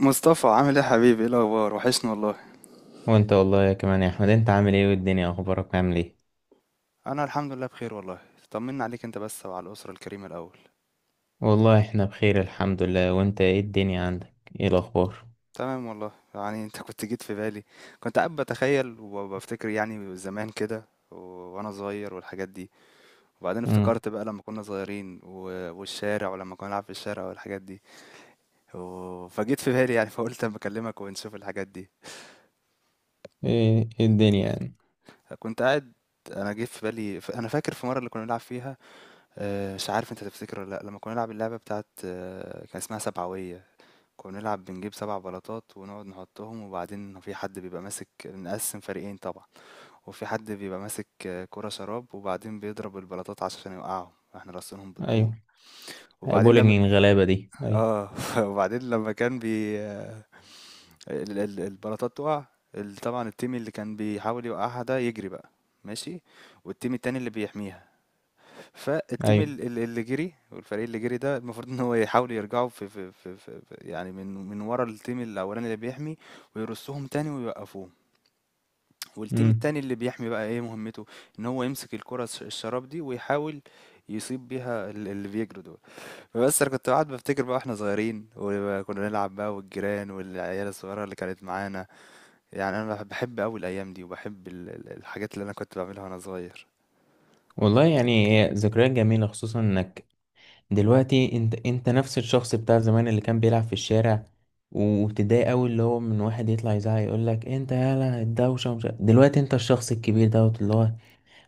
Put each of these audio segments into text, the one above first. مصطفى، عامل ايه يا حبيبي؟ ايه الاخبار؟ وحشني والله. وانت والله يا كمان يا احمد، انت عامل ايه؟ والدنيا اخبارك عامل ايه؟ انا الحمد لله بخير والله. طمنا عليك انت بس وعلى الاسره الكريمه الاول. والله احنا بخير الحمد لله. وانت ايه الدنيا عندك؟ ايه الاخبار؟ تمام والله. يعني انت كنت جيت في بالي، كنت قاعد بتخيل وبفتكر يعني زمان كده، و- وانا صغير والحاجات دي. وبعدين امم. افتكرت بقى لما كنا صغيرين والشارع، ولما كنا نلعب في الشارع والحاجات دي. فجيت في بالي يعني، فقلت اما اكلمك ونشوف الحاجات دي. ايه الدنيا يعني؟ كنت قاعد، انا جيت في بالي. انا فاكر في مره اللي كنا بنلعب فيها. مش عارف أنت تفتكر والّا لأ، لمّا كنا نلعب اللعبة بتاعة، كان اسمها سبعوية. كنا بنلعب بنجيب 7 بلاطات ونقعد نحطهم، وبعدين في حد بيبقى ماسك، نقسّم فريقين طبعًا، وفي حد بيبقى ماسك كورة شراب، وبعدين بيضرب البلاطات عشان يوقعهم، إحنا راصينهم بالطول. ايوه، وبعدين لمّا، بولينج الغلابه دي. ايوه، آه، وبعدين لمّا كان بي آه، ال البلاطات تُقع، ال طبعًا الteam اللي كان بيحاول يوقعها ده يجري بقى، ماشي، والteam التاني اللي بيحميها. فالتيم ايوه. اللي جري، والفريق اللي جري ده المفروض ان هو يحاولوا يرجعوا يعني من ورا التيم الاولاني اللي بيحمي، ويرصهم تاني ويوقفوهم. والتيم امم. التاني اللي بيحمي بقى ايه مهمته؟ ان هو يمسك الكرة الشراب دي، ويحاول يصيب بيها اللي بيجروا دول. بس انا كنت قاعد بفتكر بقى واحنا صغيرين وكنا نلعب بقى، والجيران والعيال الصغيره اللي كانت معانا. يعني انا بحب قوي الايام دي، وبحب الحاجات اللي انا كنت بعملها وانا صغير. والله يعني هي ذكريات جميله، خصوصا انك دلوقتي انت نفس الشخص بتاع زمان اللي كان بيلعب في الشارع، وتضايق قوي اللي هو من واحد يطلع يزعق يقول لك انت يالا الدوشه ومش دلوقتي انت الشخص الكبير دوت اللي هو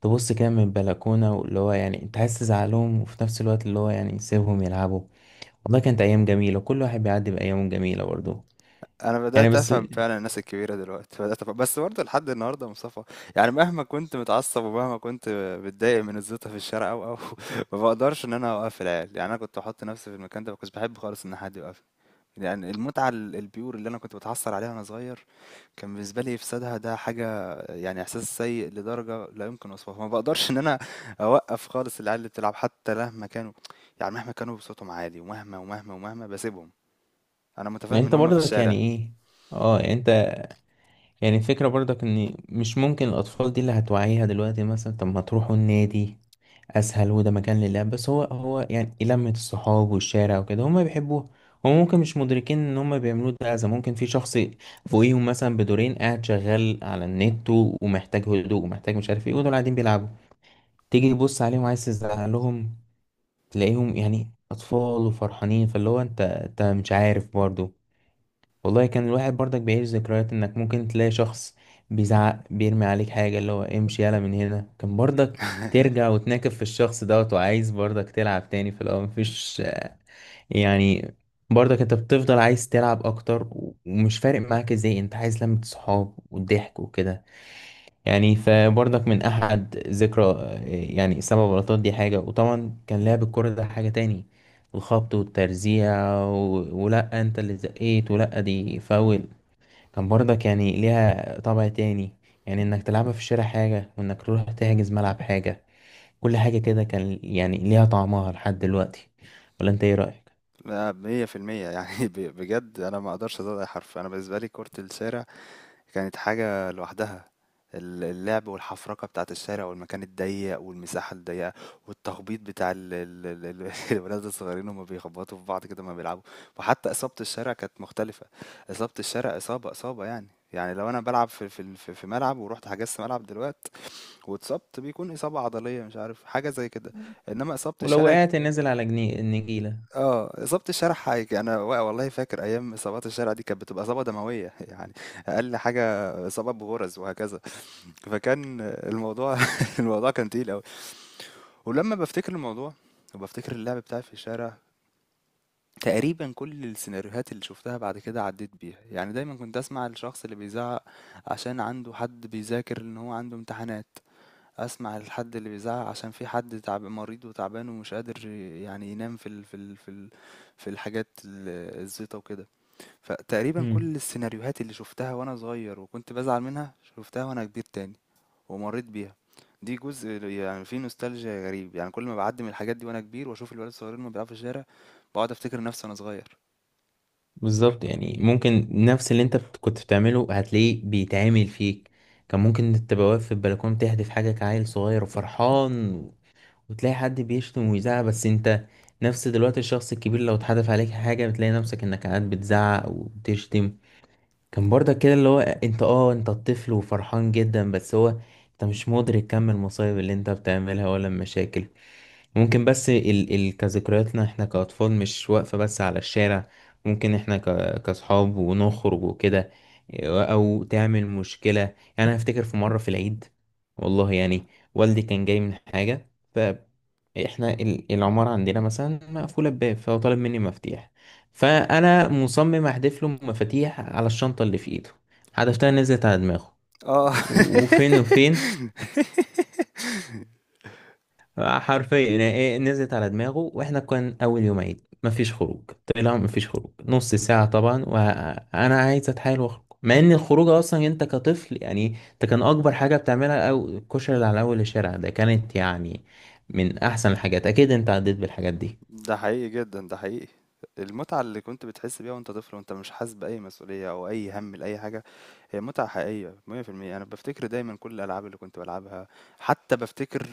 تبص كده من البلكونة، اللي هو يعني انت عايز تزعلهم، وفي نفس الوقت اللي هو يعني سيبهم يلعبوا. والله كانت أيام جميلة، كل واحد بيعدي بأيام جميلة برضه. انا يعني بدات بس افهم يعني فعلا الناس الكبيره دلوقتي، بدات أفهم. بس برضه لحد النهارده يا مصطفى، يعني مهما كنت متعصب، ومهما كنت بتضايق من الزيطه في الشارع او ما بقدرش ان انا اوقف العيال. يعني انا كنت احط نفسي في المكان ده، ما كنتش بحب خالص ان حد يوقفني. يعني المتعه البيور اللي انا كنت بتحصل عليها وانا صغير، كان بالنسبه لي افسادها ده حاجه، يعني احساس سيء لدرجه لا يمكن وصفها. ما بقدرش ان انا اوقف خالص العيال اللي بتلعب، حتى مهما كانوا. يعني مهما كانوا بصوتهم عالي، ومهما ومهما ومهما، بسيبهم. انا متفاهم ان انت هم في برضك يعني الشارع. ايه؟ اه انت يعني الفكرة برضك ان مش ممكن الاطفال دي اللي هتوعيها دلوقتي مثلا طب ما تروحوا النادي اسهل، وده مكان للعب، بس هو يعني لمة الصحاب والشارع وكده هما بيحبوها. هما ممكن مش مدركين ان هما بيعملوه ده اذى، ممكن في شخص فوقيهم مثلا بدورين قاعد شغال على النت ومحتاج هدوء ومحتاج مش عارف ايه، ودول قاعدين بيلعبوا. تيجي تبص عليهم عايز تزعلهم، تلاقيهم يعني اطفال وفرحانين، فاللي هو انت مش عارف برضه. والله كان الواحد برضك بيعيش ذكريات انك ممكن تلاقي شخص بيزعق، بيرمي عليك حاجة اللي هو امشي يلا من هنا، كان برضك ترجع وتناكب في الشخص دوت، وعايز برضك تلعب تاني. في الاول مفيش يعني، برضك انت بتفضل عايز تلعب اكتر، ومش فارق معاك ازاي، انت عايز لمة صحاب والضحك وكده. يعني فبرضك من احد ذكرى، يعني 7 بلاطات دي حاجة، وطبعا كان لعب الكرة ده حاجة تاني. الخبط والترزيع و... ولا انت اللي زقيت، ولا دي فاول. كان برضك يعني ليها طابع تاني، يعني انك تلعبها في الشارع حاجة، وانك تروح تحجز ملعب حاجة. كل حاجة كده كان يعني ليها طعمها لحد دلوقتي. ولا انت ايه رأيك؟ لا، 100% يعني. بجد أنا ما أقدرش أزود أي حرف. أنا بالنسبة لي كرة الشارع كانت حاجة لوحدها. اللعب والحفرقة بتاعة الشارع والمكان الضيق والمساحة الضيقة والتخبيط بتاع الولاد الصغيرين، هما بيخبطوا في بعض كده ما بيلعبوا. وحتى إصابة الشارع كانت مختلفة. إصابة الشارع، إصابة يعني، يعني لو أنا بلعب في ملعب، ورحت حجزت ملعب دلوقتي واتصبت، بيكون إصابة عضلية، مش عارف، حاجة زي كده. إنما إصابة ولو الشارع، وقعت نازل على النجيلة. إصابة الشارع حاجة. أنا والله فاكر أيام إصابات الشارع دي، كانت بتبقى إصابة دموية، يعني أقل حاجة إصابة بغرز وهكذا. فكان الموضوع، الموضوع كان تقيل أوي. ولمّا بافتكر الموضوع وبافتكر اللعب بتاعي في الشارع، تقريبًا كل السيناريوهات اللي شُفتها بعد كده عدّيت بيها. يعني دايمًا كنت أسمع الشخص اللي بيزعّق عشان عنده حد بيذاكر إن هو عنده امتحانات. اسمع الحد اللي بيزعق عشان في حد تعب مريض وتعبان ومش قادر يعني ينام في الحاجات الزيطه وكده. فتقريبا امم. كل السيناريوهات اللي شفتها وانا صغير وكنت بزعل منها، شفتها وانا كبير تاني ومريت بيها. دي جزء يعني في نوستالجيا غريب، يعني كل ما بعدي من الحاجات دي وانا كبير واشوف الولاد الصغيرين ما بيلعبوا في الشارع، بقعد افتكر نفسي وانا صغير. بالظبط يعني، ممكن نفس اللي انت كنت بتعمله هتلاقيه بيتعمل فيك. كان ممكن تبقى واقف في البلكونة تهدف حاجة كعيل صغير وفرحان، وتلاقي حد بيشتم ويزعق. بس انت نفس دلوقتي الشخص الكبير لو اتحدف عليك حاجة بتلاقي نفسك انك قاعد بتزعق وبتشتم. كان برضك كده اللي هو انت، اه، انت الطفل وفرحان جدا، بس هو انت مش مدرك كم المصايب اللي انت بتعملها ولا المشاكل. ممكن بس ال كذكرياتنا احنا كأطفال مش واقفة بس على الشارع، ممكن احنا كأصحاب ونخرج وكده، او تعمل مشكلة يعني. انا افتكر في مرة في العيد، والله يعني، والدي كان جاي من حاجة، احنا العمارة عندنا مثلا مقفولة بباب، فهو طالب مني مفاتيح، فأنا مصمم أحدف له مفاتيح على الشنطة اللي في إيده. حدفتها نزلت على دماغه اه. وفين وفين. حرفيا يعني إيه، نزلت على دماغه. واحنا كان أول يوم عيد، مفيش خروج. طلع مفيش خروج نص ساعة طبعا، وأنا عايز أتحايل وأخرج، مع إن الخروج أصلا، أنت كطفل يعني، أنت كان أكبر حاجة بتعملها أو الكشري اللي على أول الشارع ده، كانت يعني من أحسن الحاجات. أكيد أنت عديت بالحاجات دي. ده حقيقي جدًا، ده حقيقي. المتعة اللي كنت بتحس بيها وأنت طفل وأنت مش حاسس بأي مسؤولية أو أي هَم لأي حاجة، هي متعة حقيقية 100%. أنا بافتكر دايمًا كل الألعاب اللي كنت بالعبها. حتى بافتكر،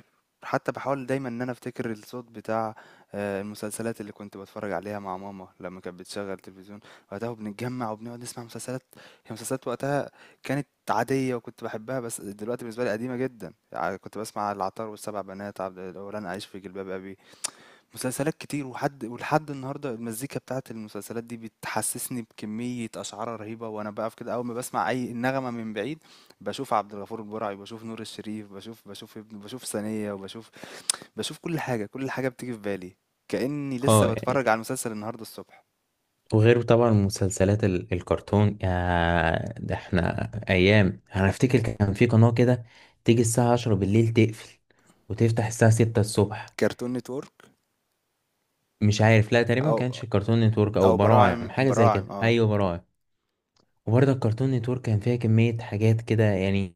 حتى باحاول دايمًا إن أنا أفتكر الصوت بتاع المسلسلات اللي كنت باتفرج عليها مع ماما لمّا كانت بتشغّل تلفزيون، وقتها، وبنتجمّع وبنقعد نسمع مسلسلات. هي مسلسلات وقتها كانت عادية وكنت باحبها، بس دلوقتي بالنسبة لي قديمة جدًا. ع كنت باسمع العطار والسبع بنات، عبد الأوغاني، أعيش في جلباب أبي، مسلسلات كتير. وحد ولحد النهارده المزيكا بتاعت المسلسلات دي بتحسسني بكمية أشعار رهيبة، وأنا بقف كده أول ما بسمع أي نغمة من بعيد، بشوف عبد الغفور البرعي، بشوف نور الشريف، بشوف ابن، بشوف ثانية، وبشوف كل حاجة بتيجي في بالي. كأني لسه اه، بتفرج على المسلسل النهارده الصبح. وغيره طبعا مسلسلات الكرتون يا، ده احنا ايام. انا افتكر كان في قناة كده تيجي الساعة 10 بالليل تقفل، وتفتح الساعة 6 الصبح. كرتون نتورك، مش عارف، لا، تقريبا ما أو كانش الكرتون نتورك، او أو براعم، براعم، حاجة زي براعم، كده. اه. ايوه براعم. وبرضه الكرتون نتورك كان فيها كمية حاجات كده يعني،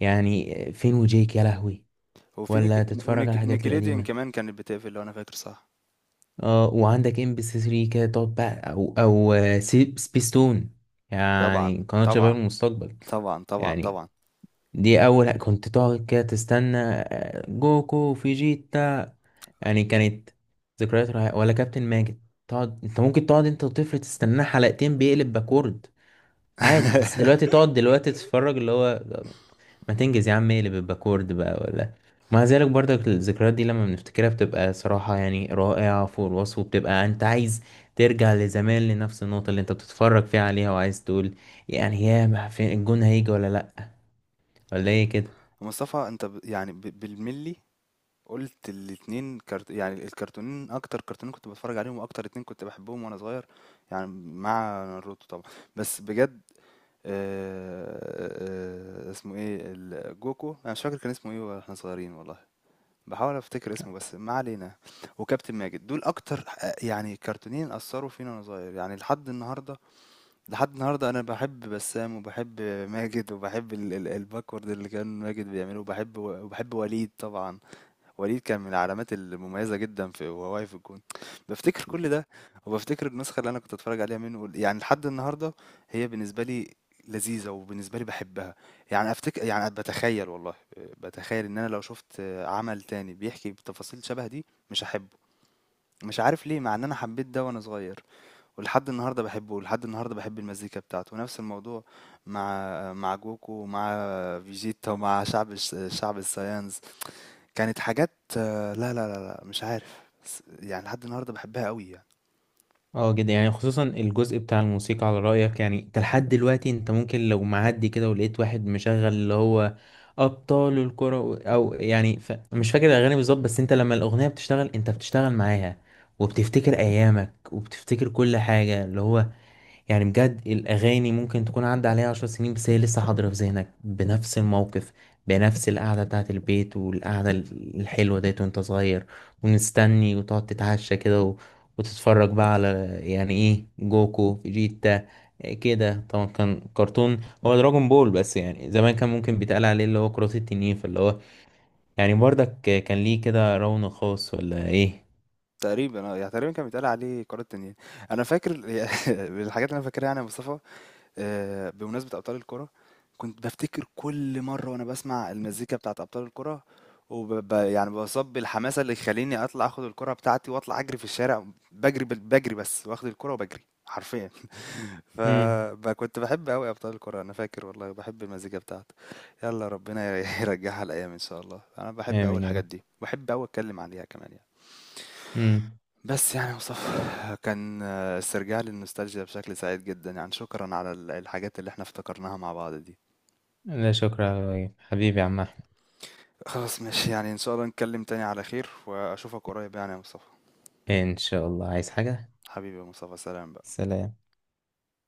يعني فين وجيك يا لهوي؟ وفي ولا نيك تتفرج على ونيك الحاجات نيكليديان القديمة. كمان، كانت بتقفل لو أنا فاكر صح. اه، وعندك ام بي سي 3 كده تقعد بقى، او او سبيستون، طبعا، يعني قناة شباب طبعا، المستقبل. طبعا، طبعا، يعني طبعا. دي اول، كنت تقعد كده تستنى آه، جوكو فيجيتا، يعني كانت ذكريات رائعة. ولا كابتن ماجد، تقعد انت، ممكن تقعد انت وطفل تستناه حلقتين بيقلب باكورد عادي. بس دلوقتي تقعد دلوقتي تتفرج، اللي هو ما تنجز يا عم، اقلب الباكورد بقى، ولا. مع ذلك برضك الذكريات دي لما بنفتكرها بتبقى صراحة يعني رائعة فوق الوصف، وبتبقى انت عايز ترجع لزمان، لنفس النقطة اللي انت بتتفرج فيها عليها، وعايز تقول يعني يا ما فين الجون، هيجي ولا لأ، ولا ايه كده. مصطفى انت يعني بالملي، قلت الاتنين يعني الكرتونين، اكتر كرتونين كنت بتفرج عليهم، واكتر اتنين كنت بحبهم وانا صغير يعني، مع ناروتو طبعا. بس بجد، آه... اسمه ايه جوكو؟ انا مش فاكر كان اسمه ايه واحنا صغيرين والله. بحاول افتكر اسمه بس ما علينا. وكابتن ماجد، دول اكتر يعني كرتونين اثروا فينا وانا صغير، يعني لحد النهارده. لحد النهارده انا بحب بسام، وبحب ماجد، وبحب الباكورد اللي كان ماجد بيعمله، وبحب وليد طبعا. وليد كان من العلامات المميزة جدا في، وهو واقف في الجون. بفتكر كل ده، وبفتكر النسخة اللي أنا كنت أتفرج عليها منه يعني لحد النهاردة، هي بالنسبة لي لذيذة، وبالنسبة لي بحبها. يعني أفتكر، يعني بتخيل والله، بتخيل إن أنا لو شفت عمل تاني بيحكي بتفاصيل شبه دي، مش هحبه. مش عارف ليه، مع إن أنا حبيت ده وأنا صغير، ولحد النهاردة بحبه، ولحد النهاردة بحب المزيكا بتاعته. ونفس الموضوع مع جوكو، ومع فيجيتا، ومع شعب، الشعب الصيان، كانت حاجات. لا، لا، لا، لا، مش عارف. بس يعني لحد النهارده بحبها قوي يعني. اه جدا، يعني خصوصا الجزء بتاع الموسيقى على رأيك، يعني انت لحد دلوقتي انت ممكن لو معدي كده ولقيت واحد مشغل اللي هو أبطال الكرة، أو يعني مش فاكر الأغاني بالظبط، بس انت لما الأغنية بتشتغل انت بتشتغل معاها، وبتفتكر أيامك وبتفتكر كل حاجة اللي هو يعني، بجد الأغاني ممكن تكون عدى عليها 10 سنين، بس هي لسه حاضرة في ذهنك، بنفس الموقف، بنفس القعدة بتاعة البيت والقعدة الحلوة ديت، وانت صغير ونستني، وتقعد تتعشى كده و... وتتفرج بقى على يعني ايه، جوكو فيجيتا. إيه كده، طبعا كان كرتون، هو دراجون بول، بس يعني زمان كان ممكن بيتقال عليه اللي هو كرة التنين، فاللي هو يعني برضك كان ليه كده رونق خاص؟ ولا ايه؟ تقريبا، يعني تقريبا كان بيتقال عليه كرة تنين. انا فاكر، من الحاجات اللي انا فاكرها يعني يا مصطفى. بمناسبة أبطال الكرة، كنت بفتكر كل مرة وأنا بسمع المزيكا بتاعت أبطال الكرة، يعني بصب الحماسة اللي يخليني أطلع أخد الكرة بتاعتي وأطلع أجري في الشارع. بجري بس واخد الكرة، وبجري حرفيا. امم. فكنت بحب أوي أبطال الكرة. أنا فاكر والله بحب المزيكا بتاعته. يلا ربنا يرجعها الأيام إن شاء الله. أنا بحب أوي آمين يا الحاجات رب. دي، بحب أوي أتكلم عليها كمان يعني. امم. بس يعني مصطفى، كان استرجاع للنوستالجيا بشكل سعيد جدا. يعني شكرا على الحاجات اللي احنا افتكرناها مع بعض دي. لا، شكرا يا إبراهيم. حبيبي يا عم أحمد. خلاص ماشي. يعني ان شاء الله نتكلم تاني على خير واشوفك قريب، يعني يا مصطفى. ان شاء الله. عايز حاجة؟ حبيبي يا مصطفى، سلام بقى. سلام.